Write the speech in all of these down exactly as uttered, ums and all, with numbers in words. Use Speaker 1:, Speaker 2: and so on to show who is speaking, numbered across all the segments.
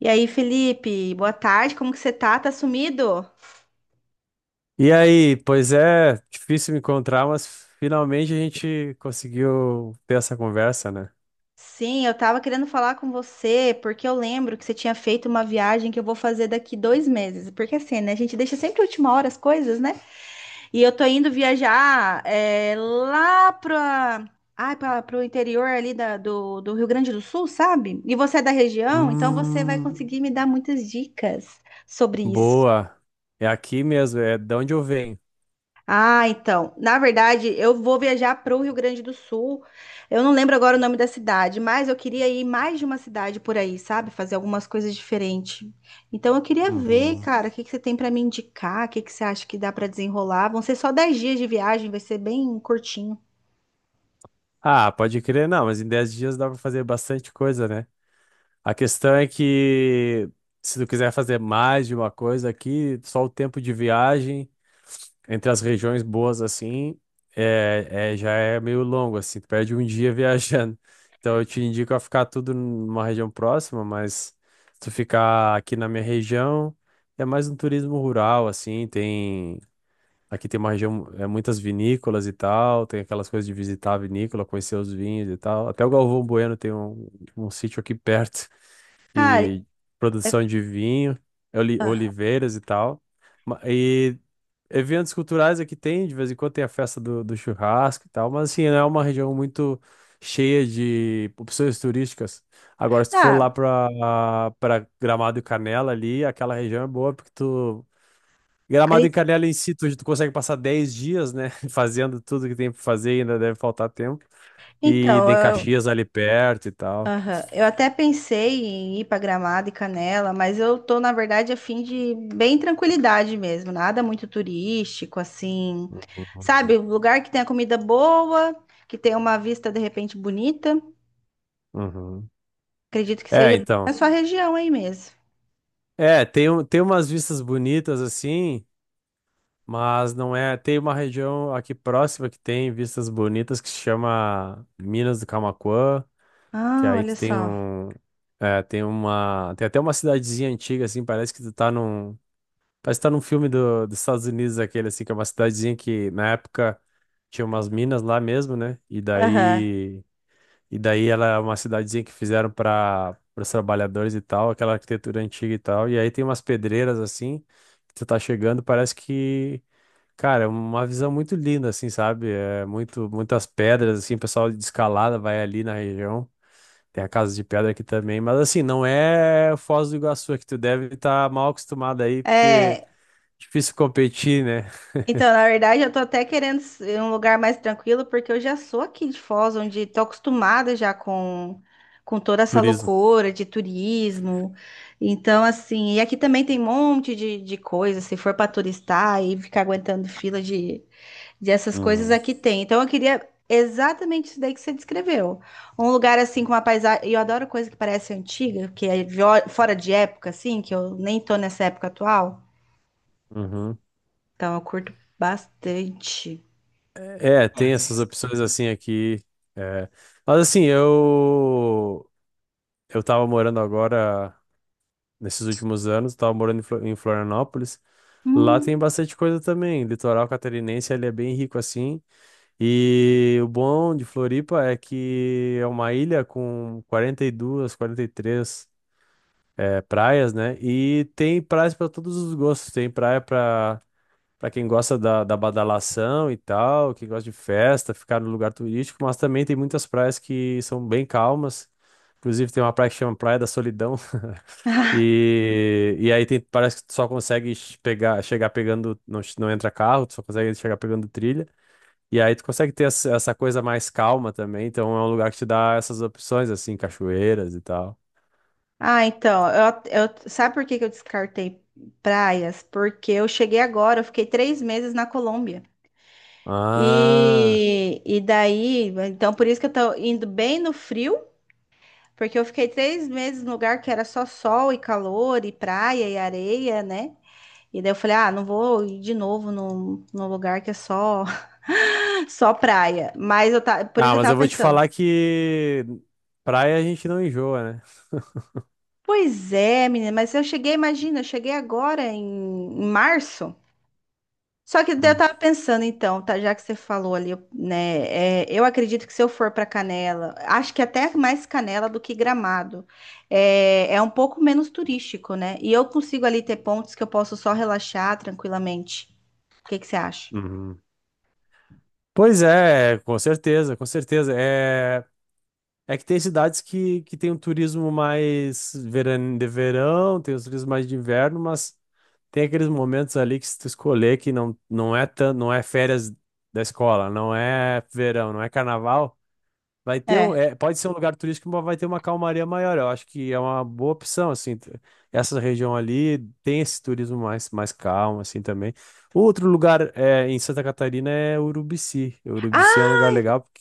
Speaker 1: E aí, Felipe, boa tarde, como que você tá? Tá sumido?
Speaker 2: E aí, pois é, difícil me encontrar, mas finalmente a gente conseguiu ter essa conversa, né?
Speaker 1: Sim, eu tava querendo falar com você, porque eu lembro que você tinha feito uma viagem que eu vou fazer daqui dois meses. Porque assim, né? A gente deixa sempre a última hora as coisas, né? E eu tô indo viajar é, lá pra, ai, pra, pro interior ali da- do, do Rio Grande do Sul, sabe? E você é da região, então você vai
Speaker 2: Hum,
Speaker 1: conseguir me dar muitas dicas sobre isso.
Speaker 2: boa. É aqui mesmo, é de onde eu venho.
Speaker 1: Ah, então. Na verdade, eu vou viajar para o Rio Grande do Sul. Eu não lembro agora o nome da cidade, mas eu queria ir mais de uma cidade por aí, sabe? Fazer algumas coisas diferentes. Então, eu queria ver,
Speaker 2: Uhum.
Speaker 1: cara, o que que você tem para me indicar? O que que você acha que dá para desenrolar? Vão ser só dez dias de viagem, vai ser bem curtinho.
Speaker 2: Ah, pode crer, não, mas em dez dias dá pra fazer bastante coisa, né? A questão é que se tu quiser fazer mais de uma coisa aqui, só o tempo de viagem. Entre as regiões boas, assim, é, é- já é meio longo, assim, tu perde um dia viajando. Então eu te indico a ficar tudo numa região próxima, mas se tu ficar aqui na minha região, é mais um turismo rural, assim, tem... Aqui tem uma região, é, muitas vinícolas e tal, tem aquelas coisas de visitar a vinícola, conhecer os vinhos e tal. Até o Galvão Bueno tem um, um sítio aqui perto
Speaker 1: Cara,
Speaker 2: e
Speaker 1: é-
Speaker 2: produção de vinho, oli- oliveiras e tal. Ma- E eventos culturais aqui tem, de vez em quando tem a festa do, do churrasco e tal, mas assim, não é uma região muito cheia de opções turísticas. Agora, se tu for
Speaker 1: ah,
Speaker 2: lá pra, pra Gramado e Canela ali, aquela região é boa porque tu.
Speaker 1: ali,
Speaker 2: Gramado e Canela em si, tu, tu consegue passar dez dias, né? Fazendo tudo que tem pra fazer e ainda deve faltar tempo. E tem
Speaker 1: então.
Speaker 2: Caxias ali perto e tal.
Speaker 1: Aham. Eu até pensei em ir para Gramado e Canela, mas eu tô, na verdade, a fim de bem tranquilidade mesmo, nada muito turístico, assim.
Speaker 2: Uhum.
Speaker 1: Sabe, um lugar que tenha comida boa, que tenha uma vista de repente bonita.
Speaker 2: Uhum.
Speaker 1: Acredito que
Speaker 2: É,
Speaker 1: seja na
Speaker 2: então.
Speaker 1: sua região aí mesmo.
Speaker 2: É, tem, um- tem umas vistas bonitas assim, mas não é. Tem uma região aqui próxima que tem vistas bonitas que se chama Minas do Camaquã, que
Speaker 1: Ah,
Speaker 2: aí
Speaker 1: olha
Speaker 2: tu tem
Speaker 1: só.
Speaker 2: um. É, tem uma. Tem até uma cidadezinha antiga, assim, parece que tu tá num. Parece que tá num filme do, dos Estados Unidos, aquele assim, que é uma cidadezinha que na época tinha umas minas lá mesmo, né? E
Speaker 1: Aham.
Speaker 2: daí, e daí ela é uma cidadezinha que fizeram para os trabalhadores e tal, aquela arquitetura antiga e tal. E aí tem umas pedreiras assim, que tu tá chegando, parece que, cara, é uma visão muito linda, assim, sabe? É muito, muitas pedras, assim, o pessoal de escalada vai ali na região. Tem a Casa de Pedra aqui também, mas assim, não é Foz do Iguaçu, é que tu deve estar mal acostumado aí, porque.
Speaker 1: É.
Speaker 2: Difícil competir, né?
Speaker 1: Então, na verdade, eu tô até querendo s- um lugar mais tranquilo, porque eu já sou aqui de Foz, onde tô acostumada já com, com toda essa
Speaker 2: Turismo.
Speaker 1: loucura de turismo. Então, assim, e aqui também tem um monte de, de coisa, se for para turistar e ficar aguentando fila de, de essas coisas
Speaker 2: Uhum,
Speaker 1: aqui tem. Então, eu queria exatamente isso daí que você descreveu. Um lugar assim com uma paisagem, e eu adoro coisa que parece antiga, que é vio- fora de época assim, que eu nem tô nessa época atual.
Speaker 2: uhum.
Speaker 1: Então, eu curto bastante.
Speaker 2: É, tem essas opções assim aqui. É. Mas assim, eu eu tava morando agora, nesses últimos anos, tava morando em Flo- em Florianópolis. Lá tem
Speaker 1: Hum.
Speaker 2: bastante coisa também. Litoral catarinense, ele é bem rico assim. E o bom de Floripa é que é uma ilha com quarenta e duas, quarenta e três é, praias, né? E tem praias para todos os gostos. Tem praia para Pra quem gosta da, da badalação e tal, quem gosta de festa, ficar no lugar turístico, mas também tem muitas praias que são bem calmas. Inclusive tem uma praia que chama Praia da Solidão.
Speaker 1: Ah,
Speaker 2: E, e aí tem, parece que tu só consegue ch- pegar, chegar pegando, não, ch- não entra carro, tu só consegue chegar pegando trilha. E aí tu consegue ter essa, essa coisa mais calma também, então é um lugar que te dá essas opções, assim, cachoeiras e tal.
Speaker 1: ah, então, eu, eu- sabe por que que eu descartei praias? Porque eu cheguei agora, eu fiquei três meses na Colômbia.
Speaker 2: Ah,
Speaker 1: E, e daí, então por isso que eu tô indo bem no frio, porque eu fiquei três meses num lugar que era só sol e calor e praia e areia, né? E daí eu falei, ah, não vou ir de novo num, num lugar que é só, só praia. Mas eu tá, por isso
Speaker 2: Ah,
Speaker 1: que eu
Speaker 2: mas
Speaker 1: tava
Speaker 2: eu vou te
Speaker 1: pensando.
Speaker 2: falar que praia a gente não enjoa, né?
Speaker 1: Pois é, menina, mas eu cheguei, imagina, eu cheguei agora em, em março. Só que daí eu
Speaker 2: Hum,
Speaker 1: tava pensando, então, tá, já que você falou ali, eu- né? é, eu acredito que se eu for pra Canela, acho que até mais Canela do que Gramado. É, é um pouco menos turístico, né? E eu consigo ali ter pontos que eu posso só relaxar tranquilamente. O que que você acha?
Speaker 2: uhum. Pois é, com certeza, com certeza. É, é que tem cidades que, que tem um turismo mais veran- de verão, tem os turismo mais de inverno, mas tem aqueles momentos ali que se tu escolher que não, não é tan, não é férias da escola, não é verão, não é carnaval. Vai ter um,
Speaker 1: É.
Speaker 2: é, pode ser um lugar turístico, mas vai ter uma calmaria maior. Eu acho que é uma boa opção, assim. t- Essa região ali tem esse turismo mais, mais calmo, assim, também. Outro lugar é, em Santa Catarina é Urubici. Urubici é um
Speaker 1: Ah,
Speaker 2: lugar legal. Porque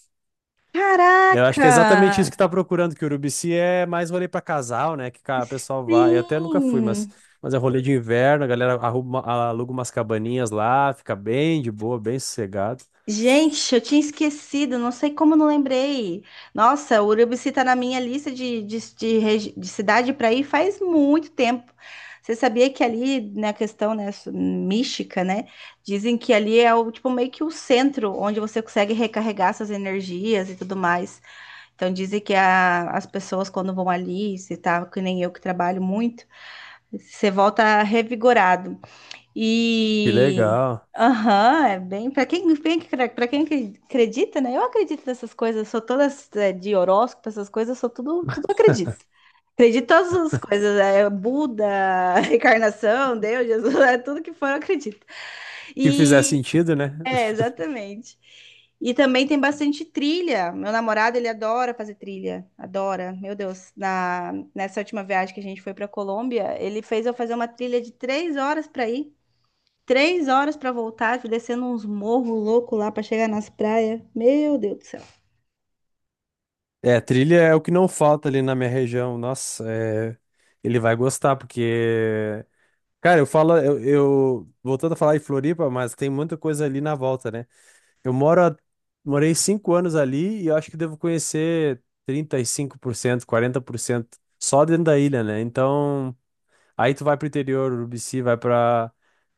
Speaker 2: eu acho que é exatamente isso
Speaker 1: caraca!
Speaker 2: que tá procurando, que Urubici é mais rolê para casal, né? Que cara, o pessoal vai. Eu até nunca fui, mas,
Speaker 1: Sim!
Speaker 2: mas é rolê de inverno, a galera arruma, aluga umas cabaninhas lá, fica bem de boa, bem sossegado.
Speaker 1: Gente, eu tinha esquecido, não sei como eu não lembrei. Nossa, Urubici tá na minha lista de, de, de regi- de cidade para ir faz muito tempo. Você sabia que ali, na questão, né, su- mística, né, dizem que ali é o, tipo, meio que o centro onde você consegue recarregar suas energias e tudo mais. Então dizem que a- as pessoas quando vão ali, se tá, que nem eu que trabalho muito, você volta revigorado.
Speaker 2: Que
Speaker 1: E
Speaker 2: legal.
Speaker 1: aham, é bem para quem para quem acre- acredita, né? Eu acredito nessas coisas, sou todas é, de horóscopo, essas coisas, sou tudo, tudo acredito. Acredito em todas as coisas, é Buda, reencarnação, Deus, Jesus, é tudo que for, eu acredito.
Speaker 2: Que fizer
Speaker 1: E
Speaker 2: sentido, né?
Speaker 1: é, exatamente. E também tem bastante trilha. Meu namorado, ele adora fazer trilha. Adora. Meu Deus, na, nessa última viagem que a gente foi para Colômbia, ele fez eu fazer uma trilha de três horas para ir. Três horas pra voltar, descendo uns morros loucos lá pra chegar nas praias. Meu Deus do céu.
Speaker 2: É, trilha é o que não falta ali na minha região. Nossa, é, ele vai gostar, porque. Cara, eu falo, eu, eu- Voltando a falar em Floripa, mas tem muita coisa ali na volta, né? Eu moro há- morei cinco anos ali e eu acho que devo conhecer trinta e cinco por cento, quarenta por cento só dentro da ilha, né? Então. Aí tu vai pro interior, Urubici, vai pra.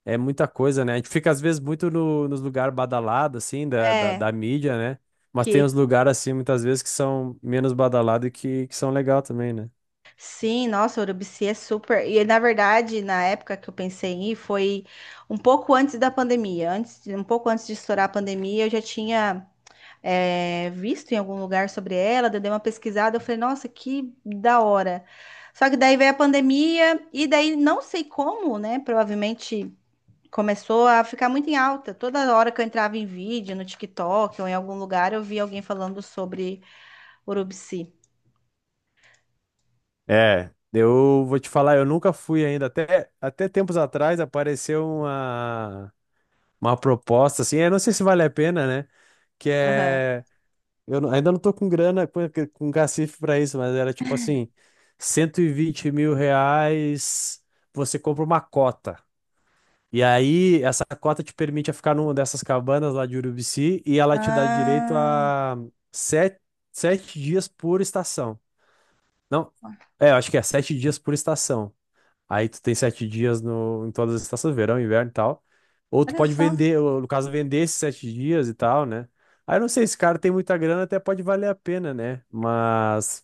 Speaker 2: É muita coisa, né? A gente fica às vezes muito no, nos lugares badalados, assim, da, da,
Speaker 1: É,
Speaker 2: da mídia, né? Mas tem uns
Speaker 1: que
Speaker 2: lugares, assim, muitas vezes que são menos badalados e que, que são legal também, né?
Speaker 1: sim, nossa, Urubici é super. E na verdade, na época que eu pensei em ir, foi um pouco antes da pandemia. Antes, um pouco antes de estourar a pandemia, eu já tinha é, visto em algum lugar sobre ela, daí eu dei uma pesquisada, eu falei, nossa, que da hora. Só que daí veio a pandemia, e daí não sei como, né? Provavelmente começou a ficar muito em alta. Toda hora que eu entrava em vídeo, no tique toque ou em algum lugar, eu via alguém falando sobre Urubici.
Speaker 2: É, eu vou te falar, eu nunca fui ainda. Até, até tempos atrás apareceu uma, uma proposta, assim, eu não sei se vale a pena, né? Que
Speaker 1: Aham.
Speaker 2: é. Eu não- ainda não tô com grana, com, com cacife pra isso, mas era tipo assim, cento e vinte mil reais, você compra uma cota. E aí, essa cota te permite a ficar numa dessas cabanas lá de Urubici e ela te dá direito
Speaker 1: Ah,
Speaker 2: a sete, sete dias por estação. Não, é, eu acho que é sete dias por estação. Aí tu tem sete dias no, em todas as estações, verão, inverno e tal. Ou tu
Speaker 1: olha
Speaker 2: pode
Speaker 1: só.
Speaker 2: vender, ou, no caso, vender esses sete dias e tal, né? Aí eu não sei, se o cara tem muita grana, até pode valer a pena, né? Mas,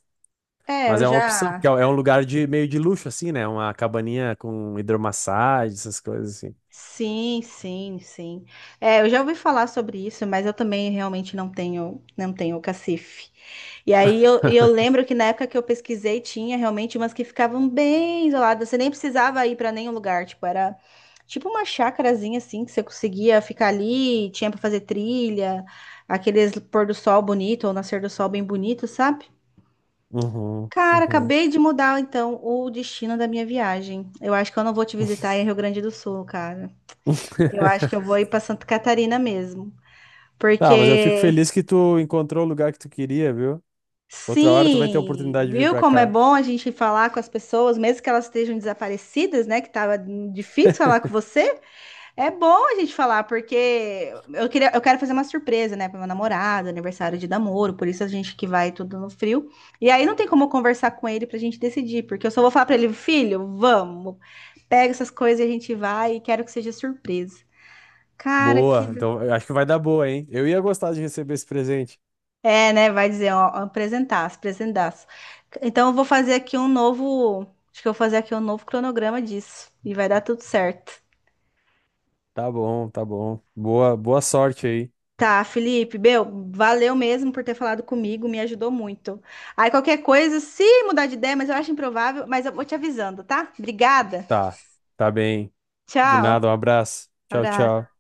Speaker 1: É,
Speaker 2: mas
Speaker 1: eu
Speaker 2: é uma opção, porque é
Speaker 1: já.
Speaker 2: é um lugar de meio de luxo, assim, né? Uma cabaninha com hidromassagem, essas coisas assim.
Speaker 1: Sim, sim, sim. É, eu já ouvi falar sobre isso, mas eu também realmente não tenho, não tenho cacife. E aí eu, e eu lembro que na época que eu pesquisei tinha realmente umas que ficavam bem isoladas, você nem precisava ir para nenhum lugar, tipo, era tipo uma chacarazinha assim que você conseguia ficar ali, tinha para fazer trilha, aqueles pôr do sol bonito ou nascer do sol bem bonito, sabe?
Speaker 2: Uhum,
Speaker 1: Cara,
Speaker 2: uhum.
Speaker 1: acabei de mudar então o destino da minha viagem. Eu acho que eu não vou te visitar em Rio Grande do Sul, cara. Eu acho que eu vou ir para Santa Catarina mesmo,
Speaker 2: Tá, mas eu fico
Speaker 1: porque
Speaker 2: feliz que tu encontrou o lugar que tu queria, viu? Outra hora tu vai ter a
Speaker 1: sim,
Speaker 2: oportunidade de vir
Speaker 1: viu
Speaker 2: pra
Speaker 1: como é
Speaker 2: cá.
Speaker 1: bom a gente falar com as pessoas, mesmo que elas estejam desaparecidas, né? Que tava difícil falar com você. É bom a gente falar, porque eu queria, eu quero fazer uma surpresa, né, para meu namorado, aniversário de namoro, por isso a gente que vai tudo no frio. E aí não tem como eu conversar com ele para a gente decidir, porque eu só vou falar para ele, filho, vamos, pega essas coisas e a gente vai e quero que seja surpresa. Cara, que
Speaker 2: Boa. Então, eu acho que vai dar boa, hein? Eu ia gostar de receber esse presente.
Speaker 1: É, né? Vai dizer, ó, apresentaço, apresentaço. Então, eu vou fazer aqui um novo. Acho que eu vou fazer aqui um novo cronograma disso. E vai dar tudo certo.
Speaker 2: Tá bom, tá bom. Boa, boa sorte aí.
Speaker 1: Tá, Felipe, meu, valeu mesmo por ter falado comigo, me ajudou muito. Aí, qualquer coisa, se mudar de ideia, mas eu acho improvável, mas eu vou te avisando, tá? Obrigada.
Speaker 2: Tá, tá bem. De
Speaker 1: Tchau.
Speaker 2: nada, um abraço. Tchau,
Speaker 1: Abraço.
Speaker 2: tchau.